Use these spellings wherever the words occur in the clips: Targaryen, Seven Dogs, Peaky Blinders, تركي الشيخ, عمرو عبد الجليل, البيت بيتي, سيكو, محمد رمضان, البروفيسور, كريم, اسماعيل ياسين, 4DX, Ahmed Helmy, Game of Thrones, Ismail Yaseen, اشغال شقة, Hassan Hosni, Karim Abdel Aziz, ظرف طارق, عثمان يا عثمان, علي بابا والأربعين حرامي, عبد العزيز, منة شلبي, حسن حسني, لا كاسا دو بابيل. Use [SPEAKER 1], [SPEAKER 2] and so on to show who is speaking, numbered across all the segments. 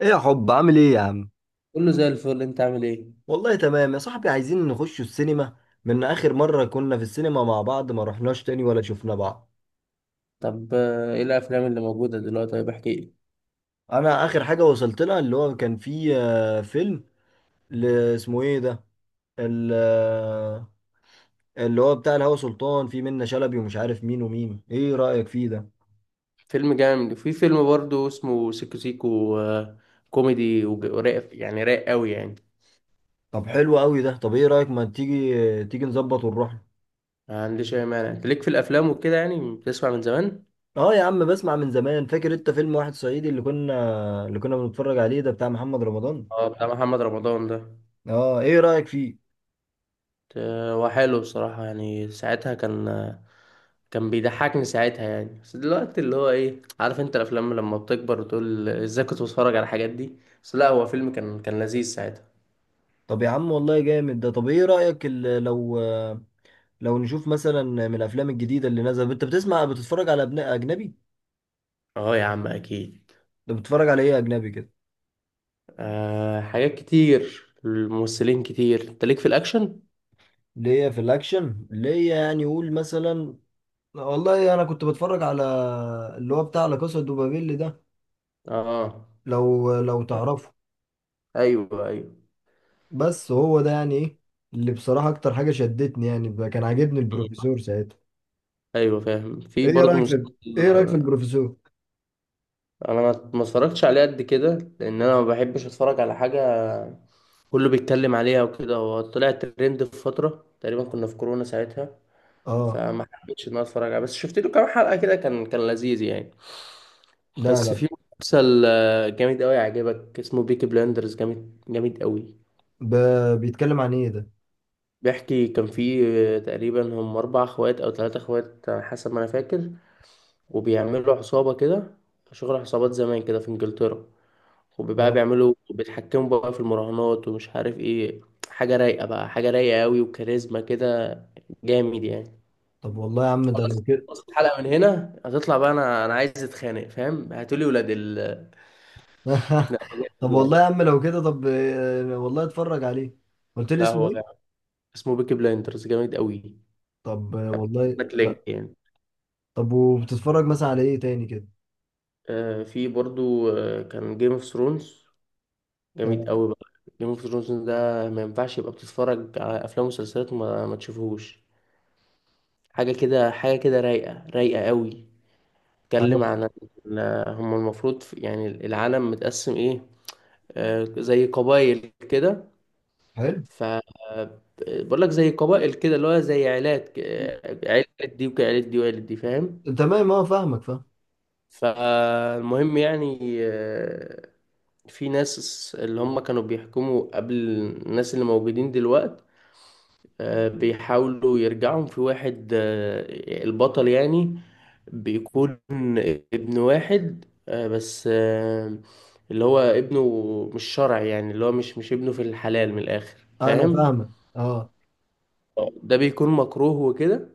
[SPEAKER 1] ايه يا حب، عامل ايه يا عم؟
[SPEAKER 2] كله زي الفل، انت عامل ايه؟
[SPEAKER 1] والله تمام يا صاحبي، عايزين نخش السينما. من اخر مرة كنا في السينما مع بعض ما رحناش تاني ولا شفنا بعض.
[SPEAKER 2] طب ايه الافلام اللي موجوده دلوقتي؟ طيب احكي لي.
[SPEAKER 1] انا اخر حاجة وصلت لها اللي هو كان فيه فيلم، ل- اسمه ايه ده؟ ال- آه، اللي هو بتاع الهوى سلطان، فيه منة شلبي ومش عارف مين ومين، ايه رأيك فيه ده؟
[SPEAKER 2] فيلم جامد، وفي فيلم برضه اسمه سيكو سيكو. كوميدي ورايق، يعني رايق قوي يعني.
[SPEAKER 1] طب حلو قوي ده. طب ايه رأيك، ما تيجي آه، تيجي نظبط ونروح له؟
[SPEAKER 2] ما عنديش اي مانع، انت ليك في الافلام وكده، يعني بتسمع من زمان.
[SPEAKER 1] اه يا عم، بسمع من زمان. فاكر انت فيلم واحد صعيدي اللي كنا بنتفرج عليه ده بتاع محمد رمضان؟
[SPEAKER 2] اه، بتاع محمد رمضان ده.
[SPEAKER 1] اه، ايه رأيك فيه؟
[SPEAKER 2] هو حلو بصراحه، يعني ساعتها كان. كان بيضحكني ساعتها يعني، بس دلوقتي اللي هو ايه، عارف انت الافلام لما بتكبر وتقول ازاي كنت بتفرج على الحاجات دي؟ بس لا، هو فيلم كان لذيذ ساعتها.
[SPEAKER 1] طب يا عم والله جامد ده. طب ايه رأيك، لو نشوف مثلا من الافلام الجديدة اللي نازلة. انت بتسمع، بتتفرج على اجنبي؟
[SPEAKER 2] اه يا عم اكيد.
[SPEAKER 1] ده بتتفرج على ايه اجنبي كده؟
[SPEAKER 2] آه حاجات كتير، الممثلين كتير، انت ليك في الاكشن.
[SPEAKER 1] اللي هي في الاكشن، اللي هي يعني قول مثلا. والله انا كنت بتفرج على اللي هو بتاع لا كاسا دو بابيل ده،
[SPEAKER 2] اه
[SPEAKER 1] لو تعرفه.
[SPEAKER 2] ايوه، ايوه.
[SPEAKER 1] بس هو ده يعني ايه اللي بصراحة اكتر حاجة شدتني؟ يعني كان عاجبني البروفيسور ساعتها.
[SPEAKER 2] ايوه فاهم، في
[SPEAKER 1] ايه
[SPEAKER 2] برضه
[SPEAKER 1] رأيك
[SPEAKER 2] مسلسل.
[SPEAKER 1] في ايه رأيك في البروفيسور؟
[SPEAKER 2] انا ما اتفرجتش عليه قد كده، لان انا ما بحبش اتفرج على حاجه كله بيتكلم عليها وكده. هو طلع ترند في فتره، تقريبا كنا في كورونا ساعتها.
[SPEAKER 1] اه.
[SPEAKER 2] فما حبيتش ان انا اتفرج عليه، بس شفت له كام حلقه كده، كان لذيذ يعني.
[SPEAKER 1] لا
[SPEAKER 2] بس
[SPEAKER 1] لا،
[SPEAKER 2] في مسلسل جامد قوي يعجبك، اسمه بيكي بلاندرز، جامد، جامد قوي.
[SPEAKER 1] ب... بيتكلم عن ايه ده؟
[SPEAKER 2] بيحكي كان في تقريبا هم أربع أخوات أو ثلاثة أخوات على حسب ما أنا فاكر، وبيعملوا عصابة كده، شغل عصابات زمان كده في إنجلترا. وبقى
[SPEAKER 1] آه.
[SPEAKER 2] بيعملوا بيتحكموا بقى في المراهنات ومش عارف إيه. حاجة رايقة بقى، حاجة رايقة أوي، وكاريزما كده، جامد يعني.
[SPEAKER 1] طب والله يا عم ده
[SPEAKER 2] خلاص،
[SPEAKER 1] لو كده.
[SPEAKER 2] خلاص، الحلقة من هنا هتطلع بقى، أنا عايز أتخانق، فاهم؟ هاتولي ولاد ال- لا هو
[SPEAKER 1] طب
[SPEAKER 2] جامد
[SPEAKER 1] والله
[SPEAKER 2] يعني.
[SPEAKER 1] يا عم لو كده، طب والله اتفرج عليه. قلت لي
[SPEAKER 2] لا
[SPEAKER 1] اسمه
[SPEAKER 2] هو جامد،
[SPEAKER 1] ايه؟
[SPEAKER 2] اسمه بيكي بلايندرز، جامد أوي.
[SPEAKER 1] طب
[SPEAKER 2] هبعت
[SPEAKER 1] والله
[SPEAKER 2] لك
[SPEAKER 1] لا.
[SPEAKER 2] لينك يعني.
[SPEAKER 1] طب وبتتفرج مثلا على ايه تاني كده؟
[SPEAKER 2] في برضو كان جيم اوف ثرونز، جامد
[SPEAKER 1] آه،
[SPEAKER 2] قوي بقى. جيم اوف ثرونز ده ما ينفعش يبقى بتتفرج على افلام ومسلسلات وما ما تشوفهوش. حاجه كده، حاجه كده، رايقه، رايقه قوي.
[SPEAKER 1] انا.
[SPEAKER 2] اتكلم عن هم المفروض يعني العالم متقسم ايه، آه، زي قبائل كده.
[SPEAKER 1] حلو.
[SPEAKER 2] ف بقول لك زي قبائل كده، اللي هو زي عيلات عيلة دي وعيلة دي وعيلة دي، فاهم؟
[SPEAKER 1] تمام، اه فاهمك، فاهم.
[SPEAKER 2] فالمهم يعني آه، في ناس اللي هم كانوا بيحكموا قبل الناس اللي موجودين دلوقت. بيحاولوا يرجعهم في واحد، البطل يعني، بيكون ابن واحد، بس، اللي هو ابنه مش شرعي، يعني اللي هو مش ابنه في الحلال من الآخر،
[SPEAKER 1] انا
[SPEAKER 2] فاهم؟
[SPEAKER 1] فاهمك، اه.
[SPEAKER 2] ده بيكون مكروه وكده،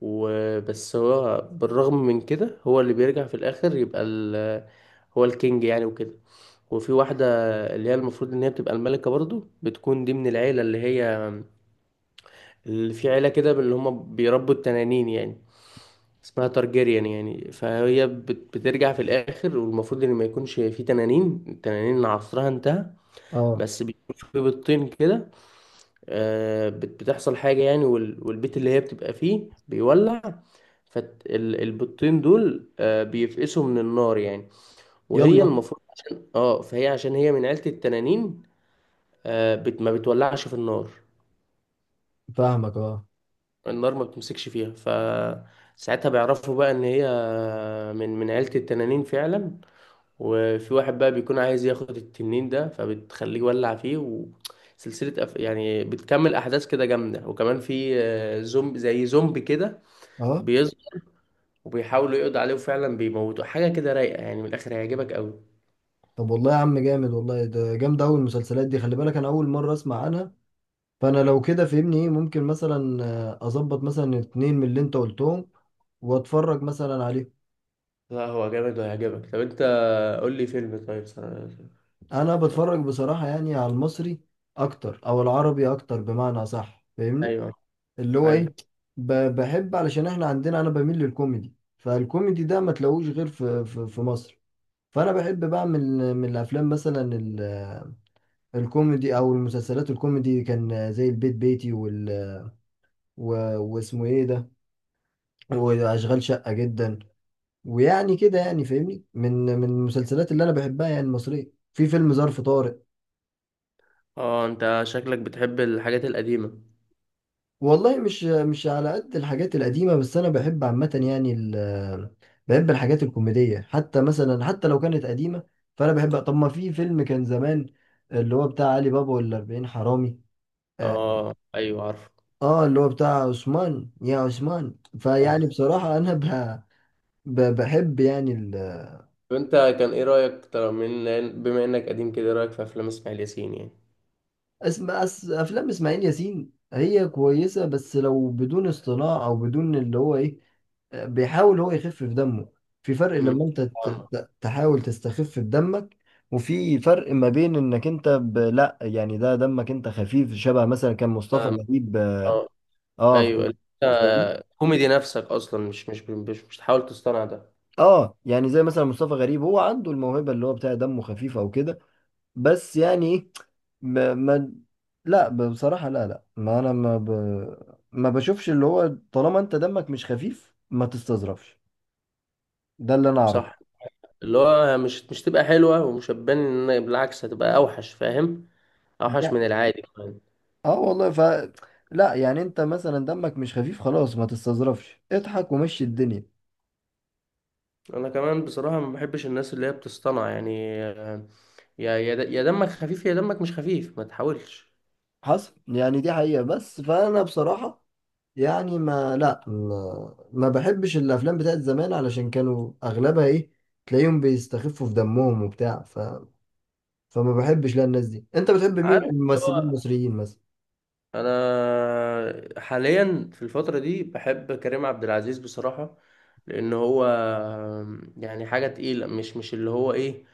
[SPEAKER 2] وبس هو بالرغم من كده هو اللي بيرجع في الآخر يبقى ال- هو الكينج يعني وكده. وفي واحدة اللي هي المفروض إن هي بتبقى الملكة برضو، بتكون دي من العيلة اللي هي اللي في عيلة كده، اللي هم بيربوا التنانين يعني، اسمها تارجيريان يعني. فهي بت- بترجع في الآخر، والمفروض إن ما يكونش في تنانين، التنانين عصرها انتهى.
[SPEAKER 1] اه،
[SPEAKER 2] بس بيكون في بيضتين كده، بت- بتحصل حاجة يعني، والبيت اللي هي بتبقى فيه بيولع. فالبيضتين دول بيفقسوا من النار يعني. وهي
[SPEAKER 1] يلا.
[SPEAKER 2] المفروض عشان اه، فهي عشان هي من عيلة التنانين، بت- ما بتولعش في النار،
[SPEAKER 1] فاهمك، اه.
[SPEAKER 2] النار ما بتمسكش فيها. فساعتها بيعرفوا بقى ان هي من عيلة التنانين فعلا. وفي واحد بقى بيكون عايز ياخد التنين ده، فبتخليه يولع فيه. وسلسلة يعني بتكمل احداث كده جامدة. وكمان في زومبي، زي زومبي كده
[SPEAKER 1] اه.
[SPEAKER 2] بيظهر، وبيحاولوا يقضوا عليه وفعلا بيموتوا. حاجة كده رايقة يعني، من الاخر هيعجبك قوي.
[SPEAKER 1] طب والله يا عم جامد، والله ده جامد. اول المسلسلات دي، خلي بالك انا اول مره اسمع عنها. فانا لو كده فهمني ايه ممكن مثلا اظبط مثلا اتنين من اللي انت قلتهم واتفرج مثلا عليه.
[SPEAKER 2] لا هو جامد وهيعجبك. طب انت قول لي فيلم، طيب س-
[SPEAKER 1] انا بتفرج بصراحة يعني على المصري اكتر او العربي اكتر، بمعنى صح فاهمني؟
[SPEAKER 2] ايوه،
[SPEAKER 1] اللي هو
[SPEAKER 2] ايوه.
[SPEAKER 1] ايه، بحب علشان احنا عندنا، انا بميل للكوميدي، فالكوميدي ده ما تلاقوش غير في مصر. فانا بحب بقى من الافلام مثلا الكوميدي او المسلسلات الكوميدي، كان زي البيت بيتي، وال، واسمه ايه ده، واشغال شقة جدا، ويعني كده، يعني فاهمني، من المسلسلات اللي انا بحبها يعني المصرية، في فيلم ظرف طارق.
[SPEAKER 2] اه انت شكلك بتحب الحاجات القديمة.
[SPEAKER 1] والله مش على قد الحاجات القديمة، بس أنا بحب عامة يعني بحب الحاجات الكوميدية، حتى مثلا حتى لو كانت قديمة. فأنا بحب، طب ما في فيلم كان زمان اللي هو بتاع علي بابا والأربعين حرامي، آه،
[SPEAKER 2] اه ايوه عارف.
[SPEAKER 1] اللي هو بتاع عثمان يا عثمان. فيعني بصراحة أنا بحب يعني.
[SPEAKER 2] وانت كان ايه رايك ترى من، بما انك قديم كده، ايه رايك في افلام اسماعيل ياسين يعني؟
[SPEAKER 1] افلام اسماعيل ياسين هي كويسه، بس لو بدون اصطناع او بدون اللي هو ايه، بيحاول هو يخفف دمه. في فرق
[SPEAKER 2] امم
[SPEAKER 1] لما انت تحاول تستخف بدمك، وفي فرق ما بين انك انت لا يعني ده دمك انت خفيف، شبه مثلا كان مصطفى
[SPEAKER 2] اه.
[SPEAKER 1] غريب. اه.
[SPEAKER 2] آه.
[SPEAKER 1] آه، ف...
[SPEAKER 2] ايوه انت
[SPEAKER 1] فاهمني؟
[SPEAKER 2] كوميدي نفسك اصلا، مش تحاول تصطنع ده.
[SPEAKER 1] اه يعني زي مثلا مصطفى غريب، هو عنده الموهبه، اللي هو بتاع دمه خفيف او كده. بس يعني ايه، ما لا، بصراحة لا لا، ما انا ما ب... ما بشوفش، اللي هو طالما انت دمك مش خفيف ما تستظرفش. ده اللي انا اعرفه.
[SPEAKER 2] صح، اللي هو مش تبقى حلوه ومش هتبان، ان بالعكس هتبقى اوحش، فاهم؟ اوحش
[SPEAKER 1] يع-
[SPEAKER 2] من العادي كمان.
[SPEAKER 1] اه والله، لا يعني انت مثلا دمك مش خفيف، خلاص ما تستظرفش، اضحك ومشي الدنيا.
[SPEAKER 2] انا كمان بصراحه ما بحبش الناس اللي هي بتصطنع يعني. يا دمك خفيف، يا دمك مش خفيف ما تحاولش.
[SPEAKER 1] حصل، يعني دي حقيقة بس. فانا بصراحة يعني ما لا ما, ما بحبش الافلام بتاعت زمان، علشان كانوا اغلبها ايه، تلاقيهم بيستخفوا في دمهم وبتاع، فما بحبش لا الناس دي. انت بتحب مين
[SPEAKER 2] عارف
[SPEAKER 1] من
[SPEAKER 2] اللي
[SPEAKER 1] الممثلين
[SPEAKER 2] هو
[SPEAKER 1] المصريين مثلا؟
[SPEAKER 2] انا حاليا في الفتره دي بحب كريم عبد العزيز بصراحه، لان هو يعني حاجه تقيله، مش اللي هو ايه،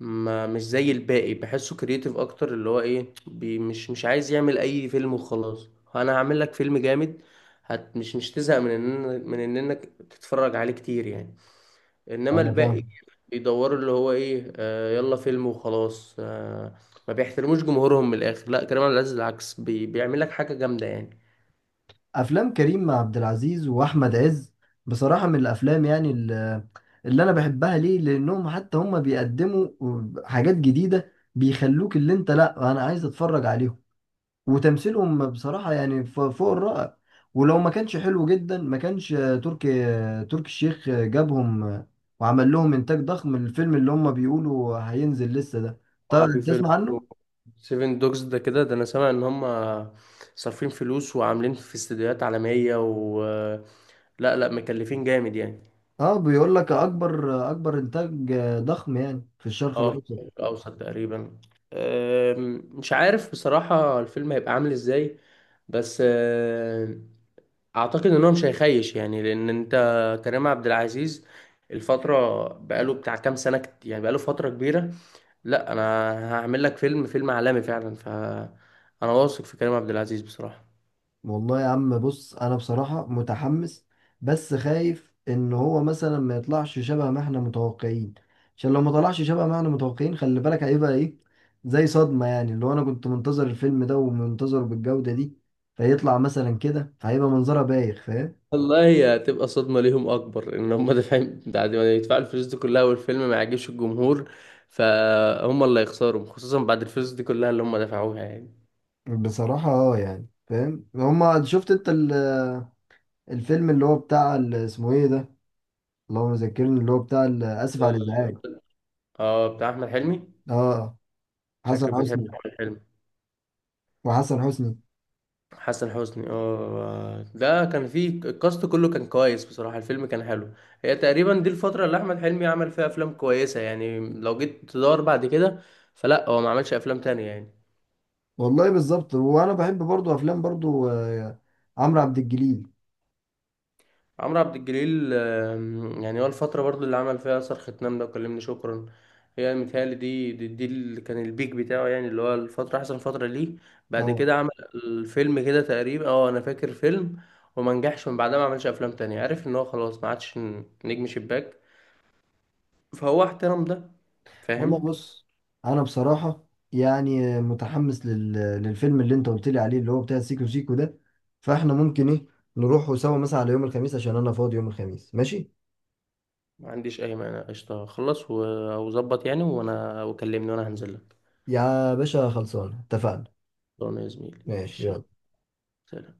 [SPEAKER 2] ما مش زي الباقي، بحسه كرييتيف اكتر، اللي هو ايه بي مش عايز يعمل اي فيلم وخلاص. انا هعمل لك فيلم جامد، هت مش تزهق من ان انك تتفرج عليه كتير يعني. انما
[SPEAKER 1] انا
[SPEAKER 2] الباقي
[SPEAKER 1] فاهم.
[SPEAKER 2] بيدوروا اللي هو ايه، آه يلا فيلم وخلاص آه، ما بيحترموش جمهورهم من الاخر. لا، كريم عبد العزيز العكس، بي بيعمل لك حاجه جامده يعني.
[SPEAKER 1] افلام كريم مع عبد العزيز واحمد عز بصراحه من الافلام يعني اللي انا بحبها، ليه؟ لانهم حتى هم بيقدموا حاجات جديده، بيخلوك اللي انت لا انا عايز اتفرج عليهم. وتمثيلهم بصراحه يعني فوق الرائع. ولو ما كانش حلو جدا ما كانش تركي تركي الشيخ جابهم، وعمل لهم انتاج ضخم. الفيلم اللي هم بيقولوا هينزل لسه ده،
[SPEAKER 2] اه، في
[SPEAKER 1] طيب
[SPEAKER 2] فيلم
[SPEAKER 1] تسمع عنه؟
[SPEAKER 2] سيفن دوجز ده كده، ده انا سامع ان هم صارفين فلوس وعاملين في استديوهات عالمية و- لا لا، مكلفين جامد يعني.
[SPEAKER 1] اه بيقول لك اكبر انتاج ضخم يعني في الشرق
[SPEAKER 2] اه في
[SPEAKER 1] الاوسط.
[SPEAKER 2] الشرق الاوسط تقريبا. مش عارف بصراحة الفيلم هيبقى عامل ازاي، بس اعتقد ان هو مش هيخيش يعني، لان انت كريم عبد العزيز الفترة بقاله بتاع كام سنة، كت- يعني بقاله فترة كبيرة. لا انا هعمل لك فيلم، فيلم عالمي فعلا. ف انا واثق في كريم عبد العزيز بصراحة.
[SPEAKER 1] والله يا عم بص، انا بصراحة متحمس، بس خايف ان هو مثلا ما يطلعش شبه ما احنا متوقعين. عشان لو ما طلعش شبه ما احنا متوقعين، خلي بالك هيبقى ايه، زي صدمة يعني. اللي هو انا كنت منتظر الفيلم ده ومنتظره بالجودة دي، فيطلع مثلا كده، فهيبقى منظرها بايخ، فاهم؟
[SPEAKER 2] والله هي هتبقى صدمة ليهم أكبر إن هم دافعين، بعد ما يدفعوا الفلوس دي كلها والفيلم ما يعجبش الجمهور، فهم اللي هيخسروا، خصوصا بعد الفلوس دي كلها اللي هم دفعوها يعني.
[SPEAKER 1] بصراحة اه يعني فاهم. هما، شفت انت الفيلم اللي هو بتاع اسمه ايه ده، اللهم ذكرني، اللي هو بتاع اسف
[SPEAKER 2] اه.
[SPEAKER 1] على الازعاج؟
[SPEAKER 2] بتاع أحمد حلمي.
[SPEAKER 1] اه. حسن
[SPEAKER 2] شكلك بتحب
[SPEAKER 1] حسني
[SPEAKER 2] أحمد حلمي.
[SPEAKER 1] وحسن حسني
[SPEAKER 2] حسن حسني، اه، ده كان فيه الكاست كله كان كويس، بصراحة الفيلم كان حلو. هي تقريبا دي الفترة اللي أحمد حلمي عمل فيها أفلام كويسة، يعني لو جيت تدور بعد كده فلا، هو ما عملش أفلام تانية يعني.
[SPEAKER 1] والله بالظبط. وانا بحب برضو افلام برضو عمرو عبد الجليل.
[SPEAKER 2] عمرو عبد الجليل، يعني هو الفترة برضو اللي عمل فيها أثر ختنام ده وكلمني شكرا، هي متهيألي دي اللي كان البيك بتاعه يعني، اللي هو الفترة أحسن فترة ليه. بعد
[SPEAKER 1] اه
[SPEAKER 2] كده عمل الفيلم كده تقريبا، اه أنا فاكر فيلم، وما نجحش من بعدها ما عملش أفلام تانية، عرف إن هو خلاص ما عادش نجم شباك، فهو احترم ده،
[SPEAKER 1] والله
[SPEAKER 2] فاهم؟
[SPEAKER 1] بص، انا بصراحه يعني متحمس للفيلم اللي انت قلت لي عليه، اللي هو بتاع سيكو سيكو ده. فاحنا ممكن ايه، نروحوا سوا مثلا على يوم الخميس، عشان انا فاضي يوم الخميس، ماشي؟
[SPEAKER 2] ما عنديش أي مانع، قشطة، خلص و- وظبط يعني، وأنا وكلمني وأنا هنزل لك.
[SPEAKER 1] يا باشا خلصان، اتفقنا.
[SPEAKER 2] طبعا يا زميلي،
[SPEAKER 1] ماشي،
[SPEAKER 2] ماشي.
[SPEAKER 1] يلا.
[SPEAKER 2] سلام.